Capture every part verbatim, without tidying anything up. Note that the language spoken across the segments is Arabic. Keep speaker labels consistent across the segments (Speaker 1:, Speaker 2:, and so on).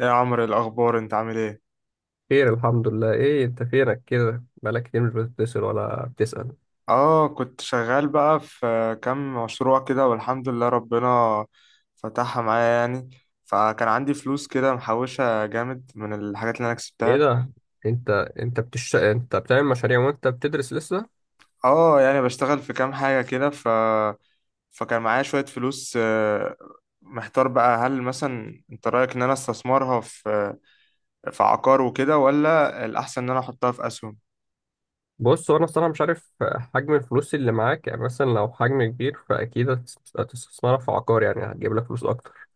Speaker 1: إيه يا عمرو، إيه الأخبار؟ أنت عامل إيه؟
Speaker 2: خير، الحمد لله. ايه انت فينك كده؟ بقالك كتير مش بتتصل ولا بتسأل.
Speaker 1: آه، كنت شغال بقى في كام مشروع كده، والحمد لله ربنا فتحها معايا يعني. فكان عندي فلوس كده محوشة جامد من الحاجات اللي أنا
Speaker 2: ايه
Speaker 1: كسبتها.
Speaker 2: ده؟ انت انت بتش انت بتعمل مشاريع وانت بتدرس لسه؟
Speaker 1: آه، يعني بشتغل في كام حاجة كده ف... فكان معايا شوية فلوس. آه، محتار بقى، هل مثلا أنت رأيك إن أنا استثمرها في في عقار وكده، ولا الأحسن إن أنا أحطها في أسهم؟
Speaker 2: بص، هو انا الصراحه مش عارف حجم الفلوس اللي معاك. يعني مثلا لو حجم كبير فاكيد هتس- هتستثمرها في عقار، يعني هتجيب لك فلوس اكتر.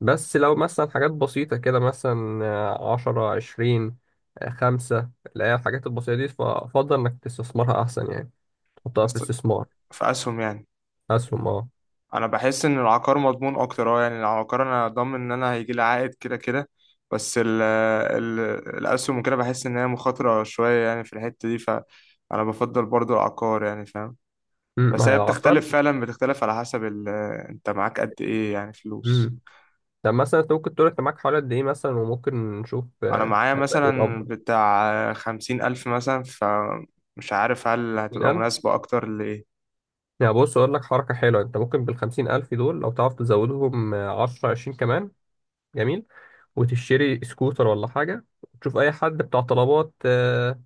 Speaker 2: بس لو مثلا حاجات بسيطه كده، مثلا آه، عشرة عشرين، آه، خمسة، اللي هي الحاجات البسيطه دي، فافضل انك تستثمرها احسن يعني. تحطها في
Speaker 1: أست-
Speaker 2: استثمار،
Speaker 1: في أسهم يعني.
Speaker 2: اسهم اه.
Speaker 1: انا بحس ان العقار مضمون اكتر، اه يعني العقار انا ضامن ان انا هيجي لي عائد كده كده. بس ال ال الاسهم وكده بحس ان هي مخاطره شويه يعني في الحته دي، فانا بفضل برضو العقار يعني، فاهم.
Speaker 2: أمم،
Speaker 1: بس
Speaker 2: ما هي
Speaker 1: هي
Speaker 2: العقار.
Speaker 1: بتختلف فعلا، بتختلف على حسب ال... انت معاك قد ايه يعني فلوس؟
Speaker 2: طب مثلا انت ممكن تقول انت معاك حوالي قد ايه مثلا، وممكن نشوف
Speaker 1: انا
Speaker 2: آه،
Speaker 1: معايا
Speaker 2: هيبقى ايه
Speaker 1: مثلا
Speaker 2: الافضل.
Speaker 1: بتاع خمسين الف مثلا، فمش عارف هل هتبقى
Speaker 2: خمسين الف؟
Speaker 1: مناسبه اكتر لايه.
Speaker 2: يعني بص اقول لك حركه حلوه: انت ممكن بال خمسين الف دول، لو تعرف تزودهم آه، عشرة عشرين كمان، جميل، وتشتري سكوتر ولا حاجه. تشوف اي حد بتاع طلبات، اه،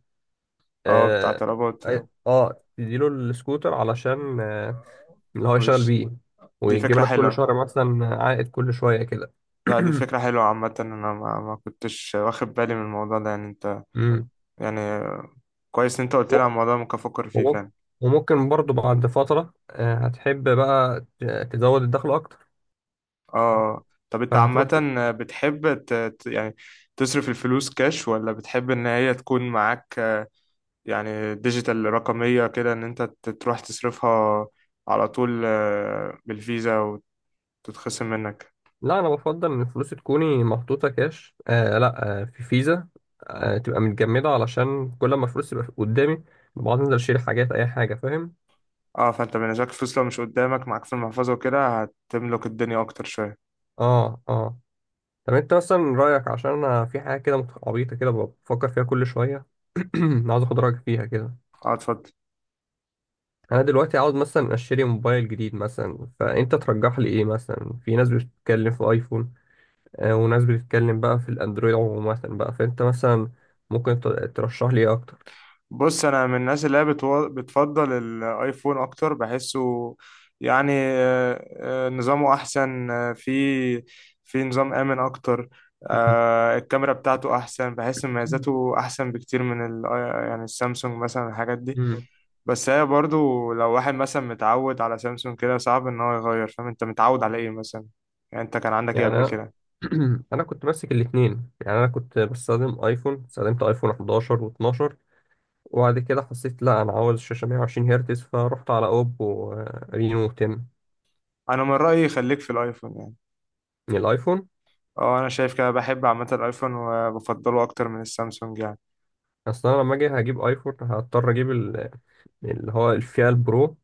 Speaker 1: اه بتاع
Speaker 2: اه،
Speaker 1: طلبات.
Speaker 2: آه آه، تديله السكوتر علشان آه، اللي هو يشتغل
Speaker 1: وش.
Speaker 2: بيه،
Speaker 1: دي
Speaker 2: ويجيب
Speaker 1: فكره
Speaker 2: لك كل
Speaker 1: حلوه.
Speaker 2: شهر مثلا عائد، كل شويه كده.
Speaker 1: لا دي فكرة حلوة عامة. أنا ما, ما كنتش واخد بالي من الموضوع ده يعني، أنت
Speaker 2: مم.
Speaker 1: يعني. كويس إن أنت قلت لي على الموضوع، ممكن أفكر فيه
Speaker 2: وممكن،
Speaker 1: فعلا.
Speaker 2: وممكن برضو بعد فترة آه، هتحب بقى ت- تزود الدخل أكتر.
Speaker 1: آه. طب أنت عامة
Speaker 2: فهتروح ت...
Speaker 1: بتحب ت... ت- يعني تصرف الفلوس كاش، ولا بتحب إن هي تكون معاك، آه، يعني ديجيتال رقمية كده، إن أنت ت- تروح تصرفها على طول آه، بالفيزا وتتخصم منك؟
Speaker 2: لا، أنا بفضل إن الفلوس تكوني محطوطة كاش، آه، لا آه في فيزا، آه، تبقى متجمدة، علشان كل ما الفلوس تبقى قدامي بقعد أنزل أشيل حاجات، أي حاجة، فاهم؟
Speaker 1: آه، فأنت بالنسبة لك الفلوس لو مش قدامك معاك في المحفظة وكده هتملك الدنيا أكتر شوية.
Speaker 2: آه، آه. طب أنت مثلا رأيك، عشان أنا في حاجة كده مت- عبيطة كده بفكر فيها كل شوية، عاوز أخد رأيك فيها كده.
Speaker 1: آه، اتفضل.
Speaker 2: أنا دلوقتي عاوز مثلا أشتري موبايل جديد مثلا، فأنت ترجح لي إيه مثلا؟ في ناس بتتكلم في أيفون، آه، وناس بتتكلم بقى في الاندرويد، عموما بقى فانت مثلا ممكن ت- ترشح لي ايه اكتر.
Speaker 1: بص انا من الناس اللي هي بتو... بتفضل الايفون اكتر بحسه يعني. آه، آه، نظامه احسن، آه، في في نظام امن اكتر.
Speaker 2: مم.
Speaker 1: آه، الكاميرا بتاعته احسن، بحس مميزاته احسن بكتير من ال... آه، يعني السامسونج مثلا، الحاجات دي.
Speaker 2: مم.
Speaker 1: بس هي برضو لو واحد مثلا متعود على سامسونج كده صعب ان هو يغير، فاهم؟ انت متعود على ايه مثلا؟ يعني انت كان عندك ايه
Speaker 2: يعني
Speaker 1: قبل
Speaker 2: انا،
Speaker 1: كده؟
Speaker 2: انا كنت ماسك الاثنين، يعني انا كنت بستخدم ايفون، استخدمت ايفون احداشر و12، وبعد كده حسيت لا انا عاوز شاشه مية وعشرين هرتز، فرحت على اوبو آه، رينو عشرة.
Speaker 1: انا من رأيي خليك في الايفون يعني.
Speaker 2: من الايفون.
Speaker 1: اه انا شايف كده، بحب عامة الايفون وبفضله اكتر من السامسونج يعني.
Speaker 2: اصلا انا لما اجي هجيب ايفون هضطر اجيب ال- اللي هو الفئه البرو،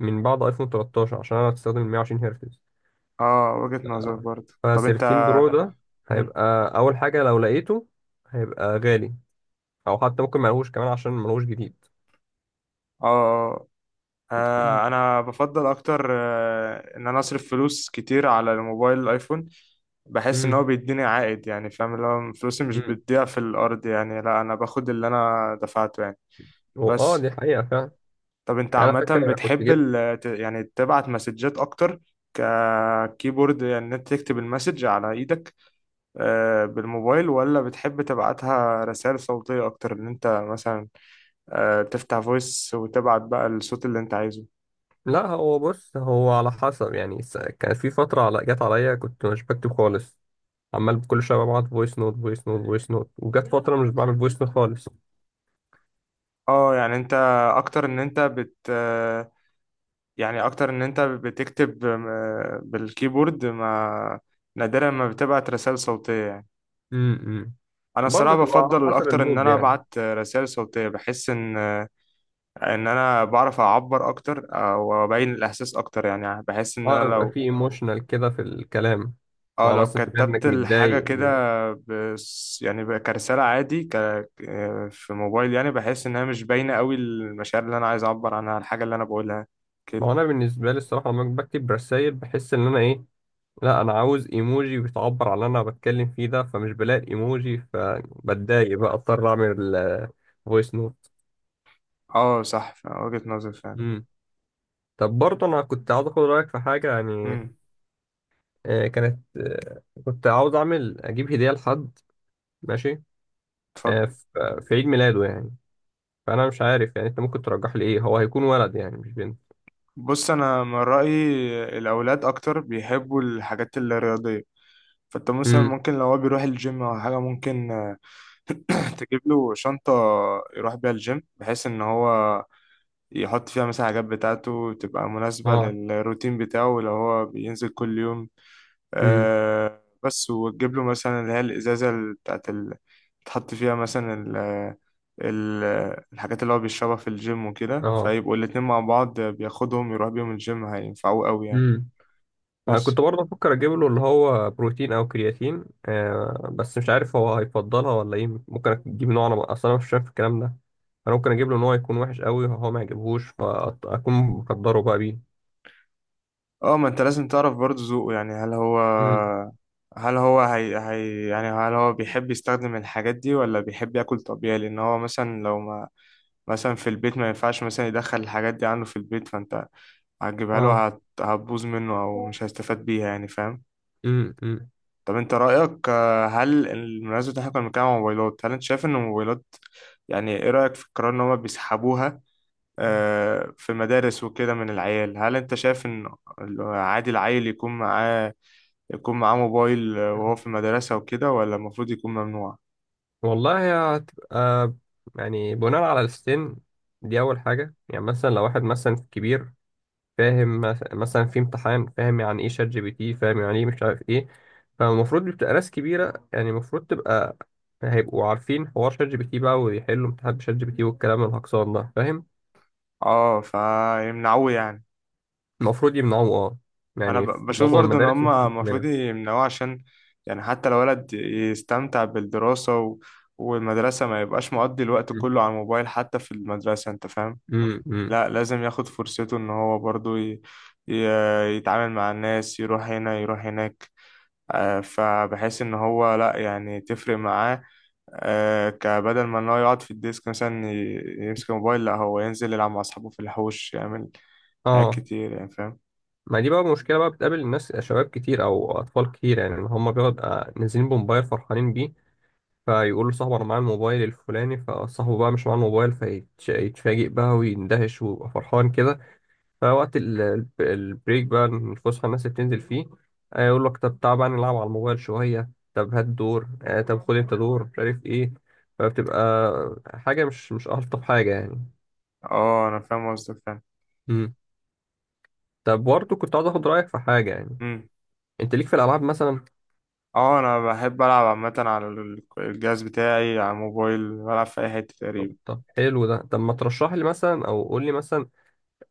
Speaker 2: من بعد ايفون تلتاشر، عشان انا بستخدم مية وعشرين هرتز.
Speaker 1: اه وجهة نظر
Speaker 2: آه.
Speaker 1: برضه. طب انت
Speaker 2: ف13 برو ده
Speaker 1: مم.
Speaker 2: هيبقى اول حاجه لو لقيته هيبقى غالي، او حتى ممكن ملهوش كمان عشان ملهوش جديد.
Speaker 1: اه، اه. آه، انا بفضل اكتر آه، ان انا اصرف فلوس كتير على الموبايل الايفون، بحس ان
Speaker 2: امم
Speaker 1: هو بيديني عائد يعني، فاهم اللي هو فلوسي مش
Speaker 2: امم
Speaker 1: بتضيع في الارض يعني، لا انا باخد اللي انا دفعته يعني.
Speaker 2: اه
Speaker 1: بس
Speaker 2: دي حقيقه فعلا.
Speaker 1: طب انت
Speaker 2: يعني انا
Speaker 1: عامة
Speaker 2: فاكر كنت
Speaker 1: بتحب
Speaker 2: جبت.
Speaker 1: ال- ت- يعني تبعت مسجات اكتر ككيبورد، يعني ان انت تكتب المسج على ايدك آه، بالموبايل، ولا بتحب تبعتها رسائل صوتية اكتر، ان انت مثلا آه، تفتح فويس وتبعت بقى الصوت اللي انت عايزه؟
Speaker 2: لا هو بص، هو على حسب يعني، س- كان في فتره، على... جت عليا كنت مش بكتب خالص، عمال كل شويه ببعت فويس نوت فويس نوت فويس نوت، وجت فتره مش بعمل فويس نوت خالص.
Speaker 1: اه يعني انت اكتر ان انت بت آه، يعني اكتر ان انت بتكتب آه، بالكيبورد، ما نادرا ما بتبعت رسائل صوتية يعني.
Speaker 2: امم.
Speaker 1: انا الصراحة
Speaker 2: برضه تبقى على
Speaker 1: بفضل
Speaker 2: حسب
Speaker 1: اكتر ان
Speaker 2: المود
Speaker 1: انا
Speaker 2: يعني.
Speaker 1: ابعت رسائل صوتية، بحس ان آه، ان انا بعرف اعبر اكتر او ابين الاحساس اكتر يعني، بحس ان
Speaker 2: اه
Speaker 1: انا
Speaker 2: بيبقى
Speaker 1: لو،
Speaker 2: في ايموشنال كده في الكلام.
Speaker 1: اه
Speaker 2: اه
Speaker 1: لو
Speaker 2: مثلا تبقى
Speaker 1: كتبت
Speaker 2: انك
Speaker 1: الحاجة
Speaker 2: متضايق.
Speaker 1: كده بس يعني بقى كرسالة عادي ك... آه، في موبايل يعني، بحس انها مش باينة قوي المشاعر اللي انا عايز اعبر عنها، الحاجة اللي انا بقولها
Speaker 2: ما
Speaker 1: كده.
Speaker 2: هو انا بالنسبه لي الصراحه لما بكتب رسائل بحس ان انا ايه، لا انا عاوز ايموجي بتعبر عن اللي انا بتكلم فيه ده، فمش بلاقي الايموجي فبتضايق بقى، اضطر اعمل فويس نوت.
Speaker 1: اه صح، ف- وجهة نظر فعلا.
Speaker 2: امم. طب برضه انا كنت عاوز اخد رايك في حاجه يعني.
Speaker 1: امم.
Speaker 2: آه، كانت آه، كنت عاوز اعمل اجيب هديه لحد، ماشي،
Speaker 1: اتفضل.
Speaker 2: آه، ف- في عيد ميلاده يعني، فانا مش عارف يعني انت ممكن ترجح لي ايه. هو هيكون ولد يعني، مش بنت.
Speaker 1: بص انا من رأيي الاولاد اكتر بيحبوا الحاجات الرياضية، فانت مثلا
Speaker 2: امم.
Speaker 1: ممكن لو هو بيروح الجيم او حاجة ممكن آه، تجيب له شنطة يروح بيها الجيم، بحيث ان هو يحط فيها مثلا حاجات بتاعته تبقى مناسبة
Speaker 2: اه.
Speaker 1: للروتين بتاعه لو هو بينزل كل يوم.
Speaker 2: امم.
Speaker 1: آه بس، وتجيب له مثلا اللي هي الإزازة ال- بتاعت ال... تحط فيها مثلا ال... ال... الحاجات اللي هو بيشربها في الجيم وكده،
Speaker 2: اه.
Speaker 1: فيبقوا الاتنين مع بعض بياخدهم يروح بيهم الجيم هينفعوه قوي يعني.
Speaker 2: أنا
Speaker 1: بس.
Speaker 2: كنت برضه بفكر اجيب له اللي هو بروتين او كرياتين، آه، بس مش عارف هو هيفضلها ولا ايه. ممكن اجيب نوع، انا اصلا أنا مش شايف الكلام ده. انا ممكن اجيب له نوع يكون وحش قوي هو ما يعجبهوش، فاكون مقدره بقى بيه.
Speaker 1: اه، ما انت لازم تعرف برضه ذوقه، يعني هل هو
Speaker 2: امم.
Speaker 1: هل هو هي... هي... يعني هل هو بيحب يستخدم الحاجات دي، ولا بيحب ياكل طبيعي؟ لان هو مثلا لو، ما مثلا في البيت ما ينفعش مثلا يدخل الحاجات دي عنه في البيت، فانت هتجيبها
Speaker 2: اه.
Speaker 1: له، هت- هتبوظ منه او مش هيستفاد بيها يعني، فاهم؟
Speaker 2: امم امم.
Speaker 1: طب انت رأيك آه، هل المناسبة، احنا كنا بنتكلم عن الموبايلات، هل انت شايف ان الموبايلات يعني، ايه رأيك في القرار ان هما بيسحبوها آه، في مدارس وكده من العيال؟ هل انت شايف ان عادي العيل يكون معاه يكون معاه موبايل وهو في المدرسة وكده، ولا المفروض يكون ممنوع؟
Speaker 2: والله هي هتبقى يعني بناء على السن. دي اول حاجه، يعني مثلا لو واحد مثلا كبير، فاهم، مس- مثلا في امتحان، فاهم يعني ايه شات جي بي تي، فاهم يعني ايه، مش عارف ايه، فالمفروض دي بتبقى ناس كبيرة، يعني المفروض تبقى هيبقوا عارفين حوار شات جي بي تي بقى، ويحلوا امتحان شات جي بي تي والكلام الهكسان ده، فاهم؟
Speaker 1: اه، فيمنعوه يعني.
Speaker 2: المفروض يمنعوه، اه.
Speaker 1: انا
Speaker 2: يعني في
Speaker 1: ب- بشوف
Speaker 2: معظم
Speaker 1: برضو ان
Speaker 2: المدارس
Speaker 1: هم المفروض
Speaker 2: منع.
Speaker 1: يمنعوه، عشان يعني حتى لو ولد يستمتع بالدراسة و... والمدرسة، ما يبقاش مقضي الوقت كله على الموبايل حتى في المدرسة، انت فاهم؟
Speaker 2: امم امم.
Speaker 1: لا لازم ياخد فرصته ان هو برضو ي... ي... يتعامل مع الناس، يروح هنا يروح هناك، آه، فبحيث ان هو لا يعني تفرق معاه، آه، كبدل ما ان هو يقعد في الديسك مثلا ي... يمسك الموبايل، لا هو ينزل يلعب مع اصحابه في الحوش، يعمل حاجات
Speaker 2: اه.
Speaker 1: كتير يعني، فاهم؟
Speaker 2: ما دي بقى مشكلة، بقى بتقابل الناس آه، شباب كتير أو أطفال كتير، يعني إن هما بيبقوا نازلين بموبايل فرحانين بيه، فيقول لصاحبه انا معايا الموبايل الفلاني، فصاحبه بقى مش معاه الموبايل، فيتفاجئ بقى ويندهش ويبقى فرحان كده. فوقت ال- ال- البريك بقى، الفسحه، الناس اللي بتنزل فيه آه، يقول لك طب تعال بقى نلعب على الموبايل شويه، طب هات دور، آه، طب خد انت دور، مش عارف ايه، فبتبقى حاجه مش مش الطف حاجه يعني.
Speaker 1: اه انا فاهم قصدك، فاهم.
Speaker 2: امم. طب برضه كنت عاوز اخد رايك في حاجه يعني.
Speaker 1: مم.
Speaker 2: انت ليك في الالعاب مثلا؟
Speaker 1: اه، انا بحب العب عامه على ال- الجهاز بتاعي، على الموبايل بلعب في اي حته
Speaker 2: طب
Speaker 1: تقريبا.
Speaker 2: طب حلو ده. طب ما ترشح لي مثلا، او قول لي مثلا،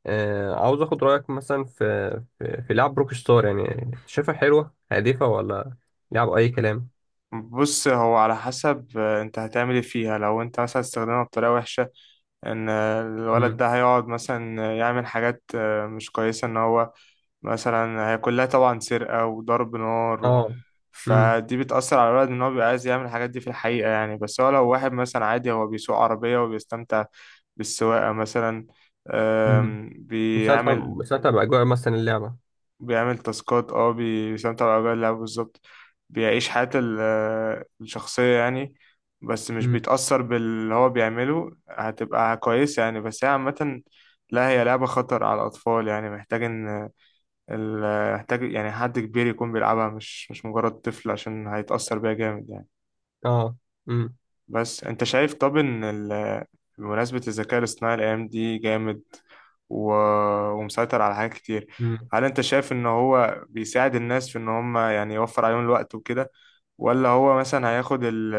Speaker 2: آه، عاوز اخد رايك مثلا في، في, في لعب روك ستار، يعني شايفها حلوه هادفه ولا لعب اي كلام؟
Speaker 1: بص هو على حسب، آه، انت هتعمل ايه فيها؟ لو انت مثلا استخدمها بطريقه وحشه، ان آه، الولد
Speaker 2: امم.
Speaker 1: ده هيقعد مثلا آه، يعمل حاجات آه، مش كويسه، ان هو مثلا، هي كلها طبعا سرقه وضرب نار و...
Speaker 2: اه. امم.
Speaker 1: فدي بتأثر على الولد، ان هو بيبقى عايز يعمل الحاجات دي في الحقيقه يعني. بس هو لو واحد مثلا عادي هو بيسوق عربيه وبيستمتع بالسواقه مثلا،
Speaker 2: امم.
Speaker 1: آم،
Speaker 2: مساعدة
Speaker 1: بيعمل
Speaker 2: مساعدة باجواء مثلا اللعبه.
Speaker 1: بيعمل تاسكات، اه بي- بيستمتع بأجواء اللعب بالظبط، بيعيش حياة ال- آه، الشخصية يعني، بس مش
Speaker 2: امم.
Speaker 1: بيتأثر باللي هو بيعمله، هتبقى كويسة يعني. بس هي عامة لا، هي لعبة خطر على الأطفال يعني، محتاج إن ال- محتاج يعني حد كبير يكون بيلعبها، مش مش مجرد طفل، عشان هيتأثر بيها جامد يعني.
Speaker 2: اه. امم
Speaker 1: بس انت شايف، طب ان ال- بمناسبة الذكاء الاصطناعي الايام دي جامد و... ومسيطر على حاجات كتير،
Speaker 2: امم
Speaker 1: هل انت شايف ان هو بيساعد الناس في ان هم يعني يوفر عليهم الوقت وكده، ولا هو مثلا هياخد ال...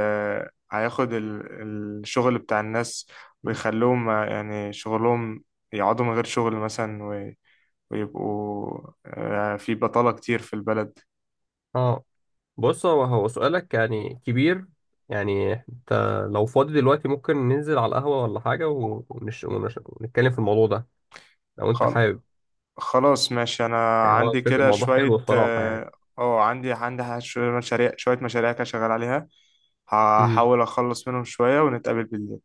Speaker 1: هياخد ال... الشغل بتاع الناس ويخلوهم يعني شغلهم يقعدوا من غير شغل مثلا و... ويبقوا آه، في بطالة كتير في البلد؟
Speaker 2: اه بص، هو هو سؤالك يعني كبير. يعني انت لو فاضي دلوقتي ممكن ننزل على القهوه ولا حاجه، و- ونش... ونش... ونتكلم في الموضوع ده لو انت
Speaker 1: خالص.
Speaker 2: حابب.
Speaker 1: خلاص ماشي، انا
Speaker 2: يعني هو
Speaker 1: عندي
Speaker 2: الفكرة،
Speaker 1: كده
Speaker 2: الموضوع حلو
Speaker 1: شوية
Speaker 2: الصراحه يعني.
Speaker 1: اه. آه، عندي عندي ح- شوية مشاريع شوية مشاريع كده شغال عليها،
Speaker 2: امم.
Speaker 1: هحاول اخلص منهم شوية ونتقابل بالليل.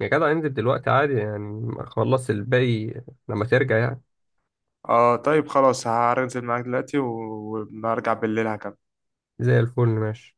Speaker 2: يا جدع انزل دلوقتي عادي يعني، خلص الباقي لما ترجع يعني.
Speaker 1: اه طيب خلاص هنزل معاك دلوقتي و- وما ارجع بالليل هكمل.
Speaker 2: زي الفل، ماشي.